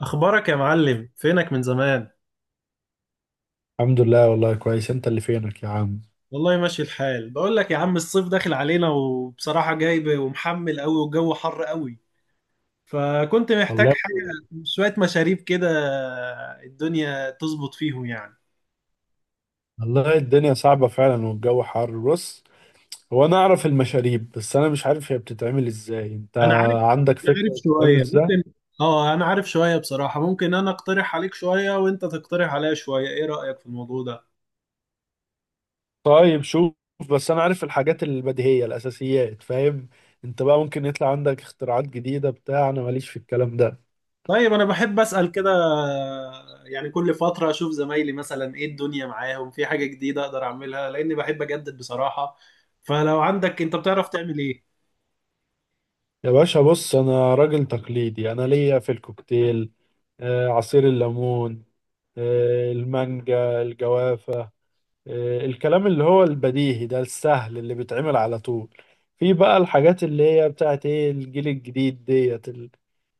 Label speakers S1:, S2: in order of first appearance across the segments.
S1: اخبارك يا معلم، فينك من زمان؟
S2: الحمد لله، والله كويس. انت اللي فينك يا عم؟
S1: والله ماشي الحال. بقول لك يا عم، الصيف داخل علينا وبصراحة جايب ومحمل قوي والجو حر قوي. فكنت محتاج
S2: والله
S1: حاجة، شوية مشاريب كده الدنيا تظبط فيهم يعني.
S2: والله الدنيا صعبة فعلا والجو حر. بص، هو انا اعرف المشاريب بس انا مش عارف هي بتتعمل ازاي. انت
S1: انا عارف
S2: عندك
S1: انا عارف
S2: فكرة بتتعمل
S1: شوية
S2: ازاي؟
S1: ممكن. اه انا عارف شوية بصراحة. ممكن انا اقترح عليك شوية وانت تقترح عليا شوية، ايه رأيك في الموضوع ده؟
S2: طيب شوف، بس انا عارف الحاجات البديهية الاساسيات، فاهم؟ انت بقى ممكن يطلع عندك اختراعات جديدة بتاع، انا ماليش في الكلام ده.
S1: طيب انا بحب اسال كده. يعني كل فتره اشوف زمايلي مثلا ايه الدنيا معاهم في حاجه جديده اقدر اعملها، لاني بحب اجدد بصراحه. فلو عندك انت بتعرف تعمل ايه؟
S2: يا باشا بص، انا راجل تقليدي. انا ليا في الكوكتيل عصير الليمون، المانجا، الجوافة، الكلام اللي هو البديهي ده، السهل اللي بيتعمل على طول. في بقى الحاجات اللي هي بتاعت ايه، الجيل الجديد ديت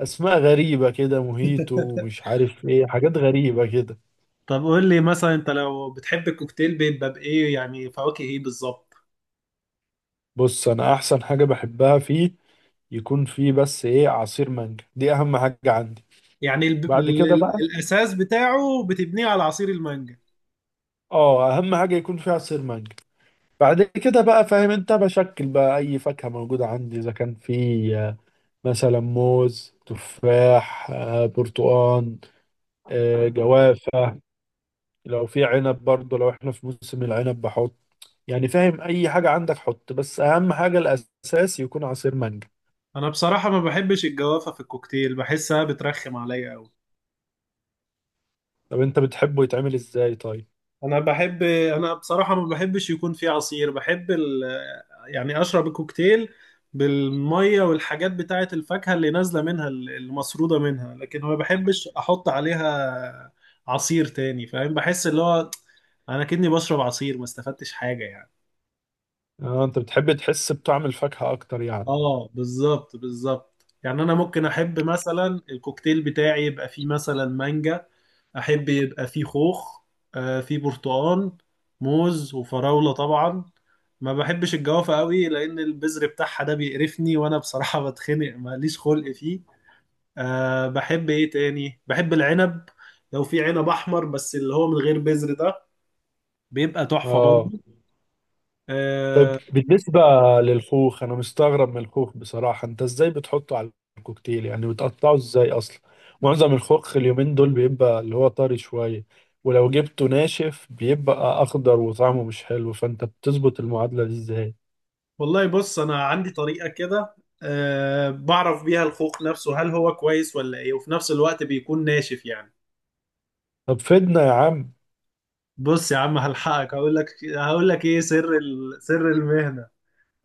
S2: اسماء غريبة كده، موهيتو ومش عارف ايه، حاجات غريبة كده.
S1: طب قول لي مثلا انت لو بتحب الكوكتيل بيبقى بايه، يعني فواكه ايه بالظبط؟
S2: بص، انا احسن حاجة بحبها فيه يكون فيه بس ايه، عصير مانجا، دي اهم حاجة عندي.
S1: يعني ال
S2: بعد كده
S1: ال
S2: بقى،
S1: الاساس بتاعه بتبنيه على عصير المانجا.
S2: اه اهم حاجة يكون فيه عصير مانجا. بعد كده بقى فاهم انت، بشكل بقى اي فاكهة موجودة عندي، اذا كان فيه مثلا موز، تفاح، برتقال، جوافة، لو في عنب برضه، لو احنا في موسم العنب بحط. يعني فاهم، اي حاجة عندك حط، بس اهم حاجة الاساس يكون عصير مانجا.
S1: انا بصراحه ما بحبش الجوافه في الكوكتيل، بحسها بترخم عليا قوي.
S2: طب انت بتحبه يتعمل ازاي طيب؟
S1: انا بصراحة ما بحبش يكون فيه عصير. بحب يعني اشرب الكوكتيل بالمية والحاجات بتاعة الفاكهة اللي نازلة منها، اللي مسرودة منها، لكن ما بحبش احط عليها عصير تاني. فاهم بحس اللي هو انا كأني بشرب عصير، ما استفدتش حاجة يعني.
S2: اه انت بتحب تحس بطعم الفاكهة اكتر يعني.
S1: اه بالظبط بالظبط. يعني انا ممكن احب مثلا الكوكتيل بتاعي يبقى فيه مثلا مانجا، احب يبقى فيه خوخ، فيه برتقان، موز وفراولة طبعا. ما بحبش الجوافة قوي لان البذر بتاعها ده بيقرفني، وانا بصراحة بتخنق ماليش خلق فيه. بحب ايه تاني؟ بحب العنب. لو في عنب احمر بس اللي هو من غير بذر ده، بيبقى تحفة
S2: اه.
S1: برضه.
S2: طب
S1: آه،
S2: بالنسبة للخوخ، انا مستغرب من الخوخ بصراحة. انت ازاي بتحطه على الكوكتيل؟ يعني بتقطعه ازاي اصلا؟ معظم الخوخ اليومين دول بيبقى اللي هو طري شوية، ولو جبته ناشف بيبقى اخضر وطعمه مش حلو، فانت بتظبط المعادلة دي ازاي؟
S1: والله بص انا عندي طريقه كده. بعرف بيها الخوخ نفسه هل هو كويس ولا ايه، وفي نفس الوقت بيكون ناشف يعني.
S2: طب فيدنا يا عم.
S1: بص يا عم هلحقك هقول لك. هقول لك ايه سر سر المهنه.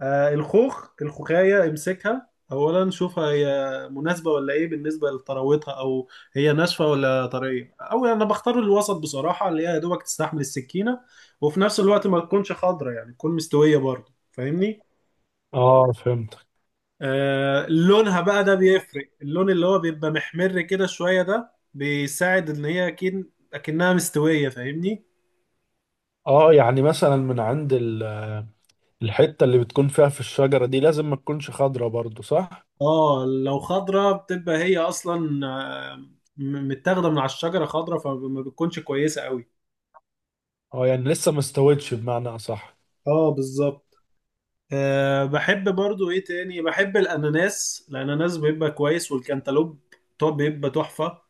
S1: الخوخ الخوخايه امسكها اولا، شوفها هي مناسبه ولا ايه بالنسبه لطراوتها، او هي ناشفه ولا طريه. او انا بختار الوسط بصراحه، اللي هي يا دوبك تستحمل السكينه، وفي نفس الوقت ما تكونش خضره يعني تكون مستويه برضه، فاهمني؟
S2: اه فهمتك.
S1: لونها بقى ده بيفرق. اللون اللي هو بيبقى محمر كده شوية ده بيساعد ان هي اكيد اكنها مستوية، فاهمني؟
S2: اه يعني مثلا من عند الحتة اللي بتكون فيها في الشجرة دي لازم ما تكونش خضرة برضو، صح؟
S1: اه لو خضرة بتبقى هي اصلا متاخدة من على الشجرة خضرة، فما بتكونش كويسة قوي.
S2: اه يعني لسه ما استوتش بمعنى اصح.
S1: اه بالظبط. بحب برضو ايه تاني. بحب الاناناس، الاناناس بيبقى كويس، والكنتالوب طب بيبقى تحفة.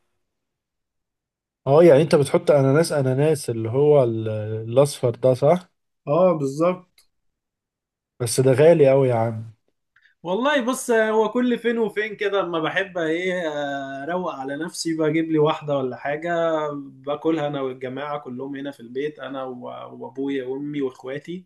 S2: اه يعني انت بتحط اناناس، الاصفر ده، صح؟
S1: اه بالظبط.
S2: بس ده غالي قوي يا عم.
S1: والله بص هو كل فين وفين كده، اما بحب ايه اروق على نفسي بجيب لي واحده ولا حاجه، باكلها انا والجماعه كلهم هنا في البيت، انا وابويا وامي واخواتي.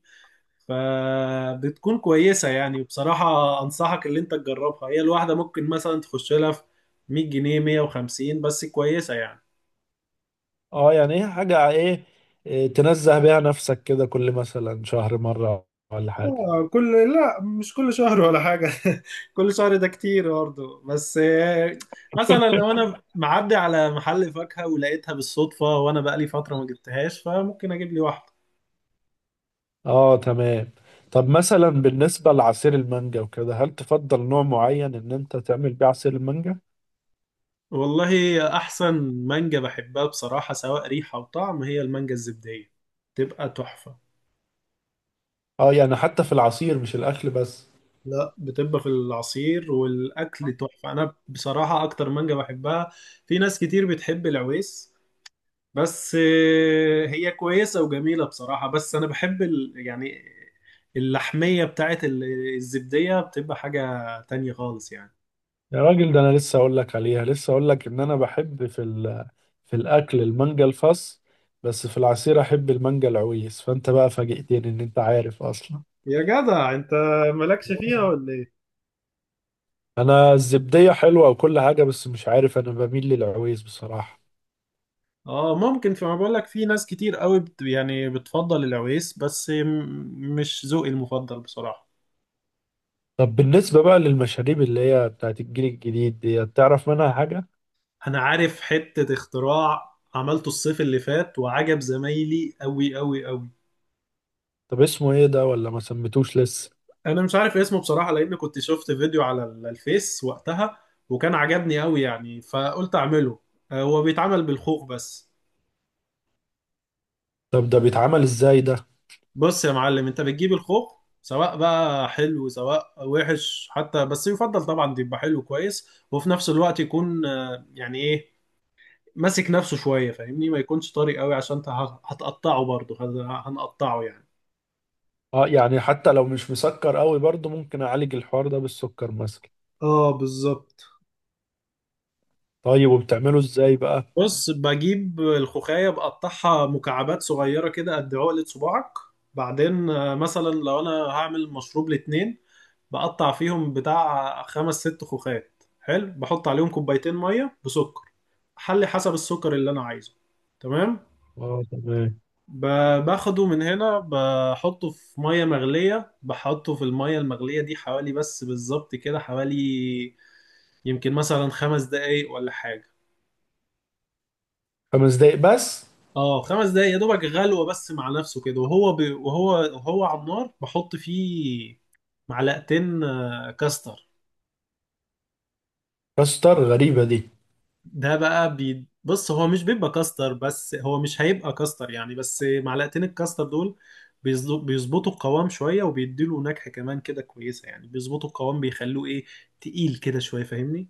S1: فبتكون كويسه يعني. وبصراحه انصحك اللي انت تجربها، هي الواحده ممكن مثلا تخش لها في 100 جنيه 150، بس كويسه يعني.
S2: اه يعني ايه حاجة ايه، إيه، آه، تنزه بيها نفسك كده كل مثلا شهر مرة، ولا حاجة.
S1: آه، كل لا مش كل شهر ولا حاجة كل شهر ده كتير برضه، بس مثلا لو انا معدي على محل فاكهة ولقيتها بالصدفة، وانا بقالي فترة ما جبتهاش، فممكن اجيب لي واحدة.
S2: اه تمام. طب مثلا بالنسبة لعصير المانجا وكده، هل تفضل نوع معين ان انت تعمل بيه عصير المانجا؟
S1: والله احسن مانجا بحبها بصراحة، سواء ريحة وطعم، هي المانجا الزبدية تبقى تحفة.
S2: اه يعني حتى في العصير، مش الاكل بس؟
S1: لا، بتبقى في العصير والاكل تحفة، انا بصراحة اكتر مانجا بحبها. في ناس كتير بتحب العويس، بس هي كويسة وجميلة بصراحة، بس أنا بحب يعني اللحمية بتاعت الزبدية بتبقى حاجة تانية خالص يعني.
S2: يا راجل، ده انا لسه اقول لك عليها، لسه اقول لك ان انا بحب في في الاكل المانجا الفص، بس في العصير احب المانجا العويس، فانت بقى فاجئتني ان انت عارف اصلا.
S1: يا جدع انت، مالكش فيها ولا ايه؟
S2: انا الزبدية حلوة وكل حاجة، بس مش عارف، انا بميل للعويس بصراحة.
S1: اه ممكن. فما بقول لك في ناس كتير قوي يعني بتفضل العويس، بس مش ذوقي المفضل بصراحة.
S2: طب بالنسبة بقى للمشاريب اللي هي بتاعت الجيل الجديد دي، تعرف منها حاجة؟
S1: أنا عارف حتة اختراع عملته الصيف اللي فات وعجب زمايلي قوي قوي قوي.
S2: طب اسمه ايه ده، ولا ما سميتوش لسه؟
S1: انا مش عارف اسمه بصراحه، لان كنت شفت فيديو على الفيس وقتها وكان عجبني قوي يعني، فقلت اعمله. هو بيتعمل بالخوخ بس.
S2: طب ده بيتعمل ازاي ده؟
S1: بص يا معلم انت بتجيب الخوخ، سواء بقى حلو سواء وحش حتى، بس يفضل طبعا يبقى حلو كويس، وفي نفس الوقت يكون يعني ايه ماسك نفسه شويه، فاهمني؟ ما يكونش طري قوي، عشان انت هتقطعه برضه هنقطعه يعني.
S2: اه يعني حتى لو مش مسكر قوي برضه، ممكن اعالج الحوار ده بالسكر مثلا.
S1: اه بالظبط.
S2: طيب وبتعمله ازاي بقى؟
S1: بص بجيب الخوخاية بقطعها مكعبات صغيرة كده قد عقلة صباعك. بعدين مثلا لو أنا هعمل مشروب لاتنين، بقطع فيهم بتاع خمس ست خوخات. حلو، بحط عليهم كوبايتين مية بسكر، حلي حسب السكر اللي أنا عايزه. تمام.
S2: اه تمام.
S1: باخده من هنا بحطه في مية مغلية. بحطه في المية المغلية دي حوالي بس بالظبط كده، حوالي يمكن مثلا 5 دقايق ولا حاجة.
S2: خمس دقايق بس؟
S1: اه 5 دقايق يا دوبك، غلوه بس مع نفسه كده. وهو وهو على النار بحط فيه معلقتين كاستر.
S2: كستر؟ غريبة دي.
S1: ده بقى بص هو مش بيبقى كاستر، بس هو مش هيبقى كاستر يعني، بس معلقتين الكاستر دول بيظبطوا القوام شويه، وبيديله نكهه كمان كده كويسه يعني. بيظبطوا القوام بيخلوه ايه، تقيل كده شويه، فاهمني؟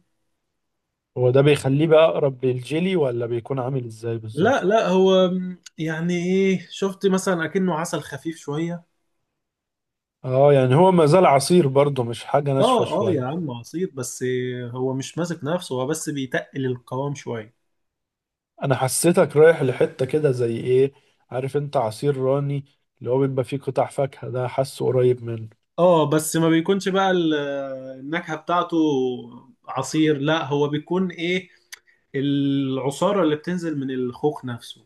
S2: هو ده بيخليه بقى اقرب للجيلي، ولا بيكون عامل ازاي
S1: لا
S2: بالظبط؟
S1: لا، هو يعني ايه شفت مثلا اكنه عسل خفيف شويه.
S2: اه يعني هو ما زال عصير برضه، مش حاجة ناشفة
S1: اه اه يا
S2: شوية.
S1: عم عصير بس، هو مش ماسك نفسه، هو بس بيتقل القوام شوية.
S2: انا حسيتك رايح لحتة كده زي ايه، عارف انت عصير راني، اللي هو بيبقى فيه قطع فاكهة ده، حاسه قريب منه.
S1: اه بس ما بيكونش بقى النكهة بتاعته عصير. لا هو بيكون ايه، العصارة اللي بتنزل من الخوخ نفسه.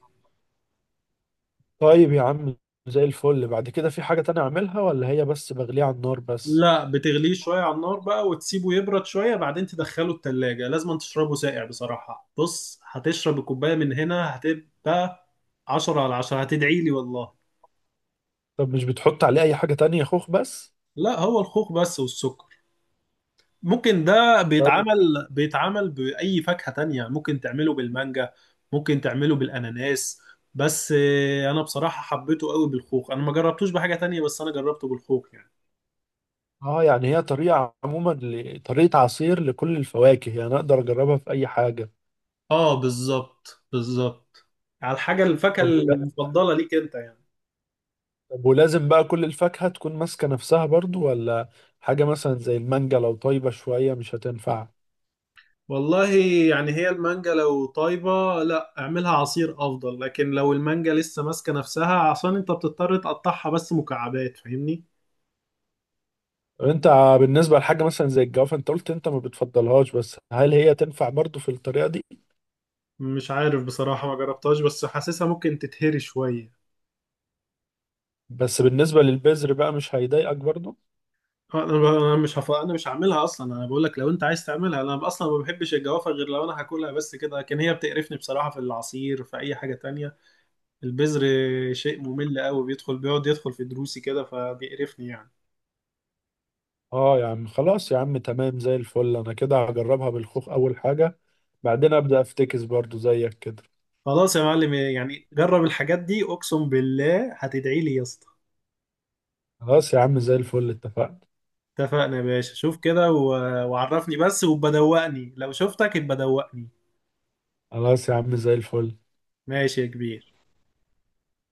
S2: طيب يا عم، زي الفل. بعد كده في حاجة تانية اعملها، ولا هي بس بغليها على النار بس؟
S1: لا بتغليه شوية على النار بقى، وتسيبه يبرد شوية، بعدين تدخله التلاجة. لازم تشربه ساقع بصراحة. بص هتشرب الكوباية من هنا هتبقى 10 على 10، هتدعي لي والله.
S2: طب مش بتحط عليه اي حاجة تانية، خوخ بس؟
S1: لا هو الخوخ بس والسكر. ممكن ده
S2: طيب.
S1: بيتعمل بأي فاكهة تانية. ممكن تعمله بالمانجا، ممكن تعمله بالأناناس، بس أنا بصراحة حبيته قوي بالخوخ، أنا ما جربتوش بحاجة تانية، بس أنا جربته بالخوخ يعني.
S2: اه يعني هي طريقة عموما طريقة عصير لكل الفواكه، يعني اقدر اجربها في اي حاجة.
S1: آه بالظبط بالظبط، على الحاجة الفاكهة
S2: طب ولا...
S1: المفضلة ليك أنت يعني.
S2: طب ولازم بقى كل الفاكهة تكون ماسكة نفسها برضو، ولا حاجة مثلا زي المانجا لو طيبة شوية مش هتنفع؟
S1: والله يعني هي المانجا لو طيبة لا اعملها عصير أفضل، لكن لو المانجا لسه ماسكة نفسها عشان أنت بتضطر تقطعها بس مكعبات، فاهمني؟
S2: طب انت بالنسبة لحاجة مثلا زي الجوافة، انت قلت انت ما بتفضلهاش، بس هل هي تنفع برضو في الطريقة دي؟
S1: مش عارف بصراحة ما جربتهاش، بس حاسسها ممكن تتهري شوية.
S2: بس بالنسبة للبذر بقى، مش هيضايقك برضو؟
S1: آه، انا ب- أنا مش هف... انا مش هعملها اصلا، انا بقول لك لو انت عايز تعملها. انا اصلا ما بحبش الجوافة غير لو انا هاكلها بس كده، لكن هي بتقرفني بصراحة في العصير في اي حاجة تانية. البذر شيء ممل قوي، بيدخل بيقعد يدخل في دروسي كده، فبيقرفني يعني.
S2: اه يا عم خلاص يا عم، تمام زي الفل. انا كده هجربها بالخوخ اول حاجة، بعدين ابدأ افتكس برضو زيك كده.
S1: خلاص يا معلم، يعني جرب الحاجات دي اقسم بالله هتدعي لي يا اسطى.
S2: خلاص يا عم زي الفل، اتفقنا.
S1: اتفقنا يا باشا. شوف كده وعرفني بس، وبدوقني لو شفتك يبقى دوقني.
S2: خلاص يا عم زي الفل.
S1: ماشي يا كبير.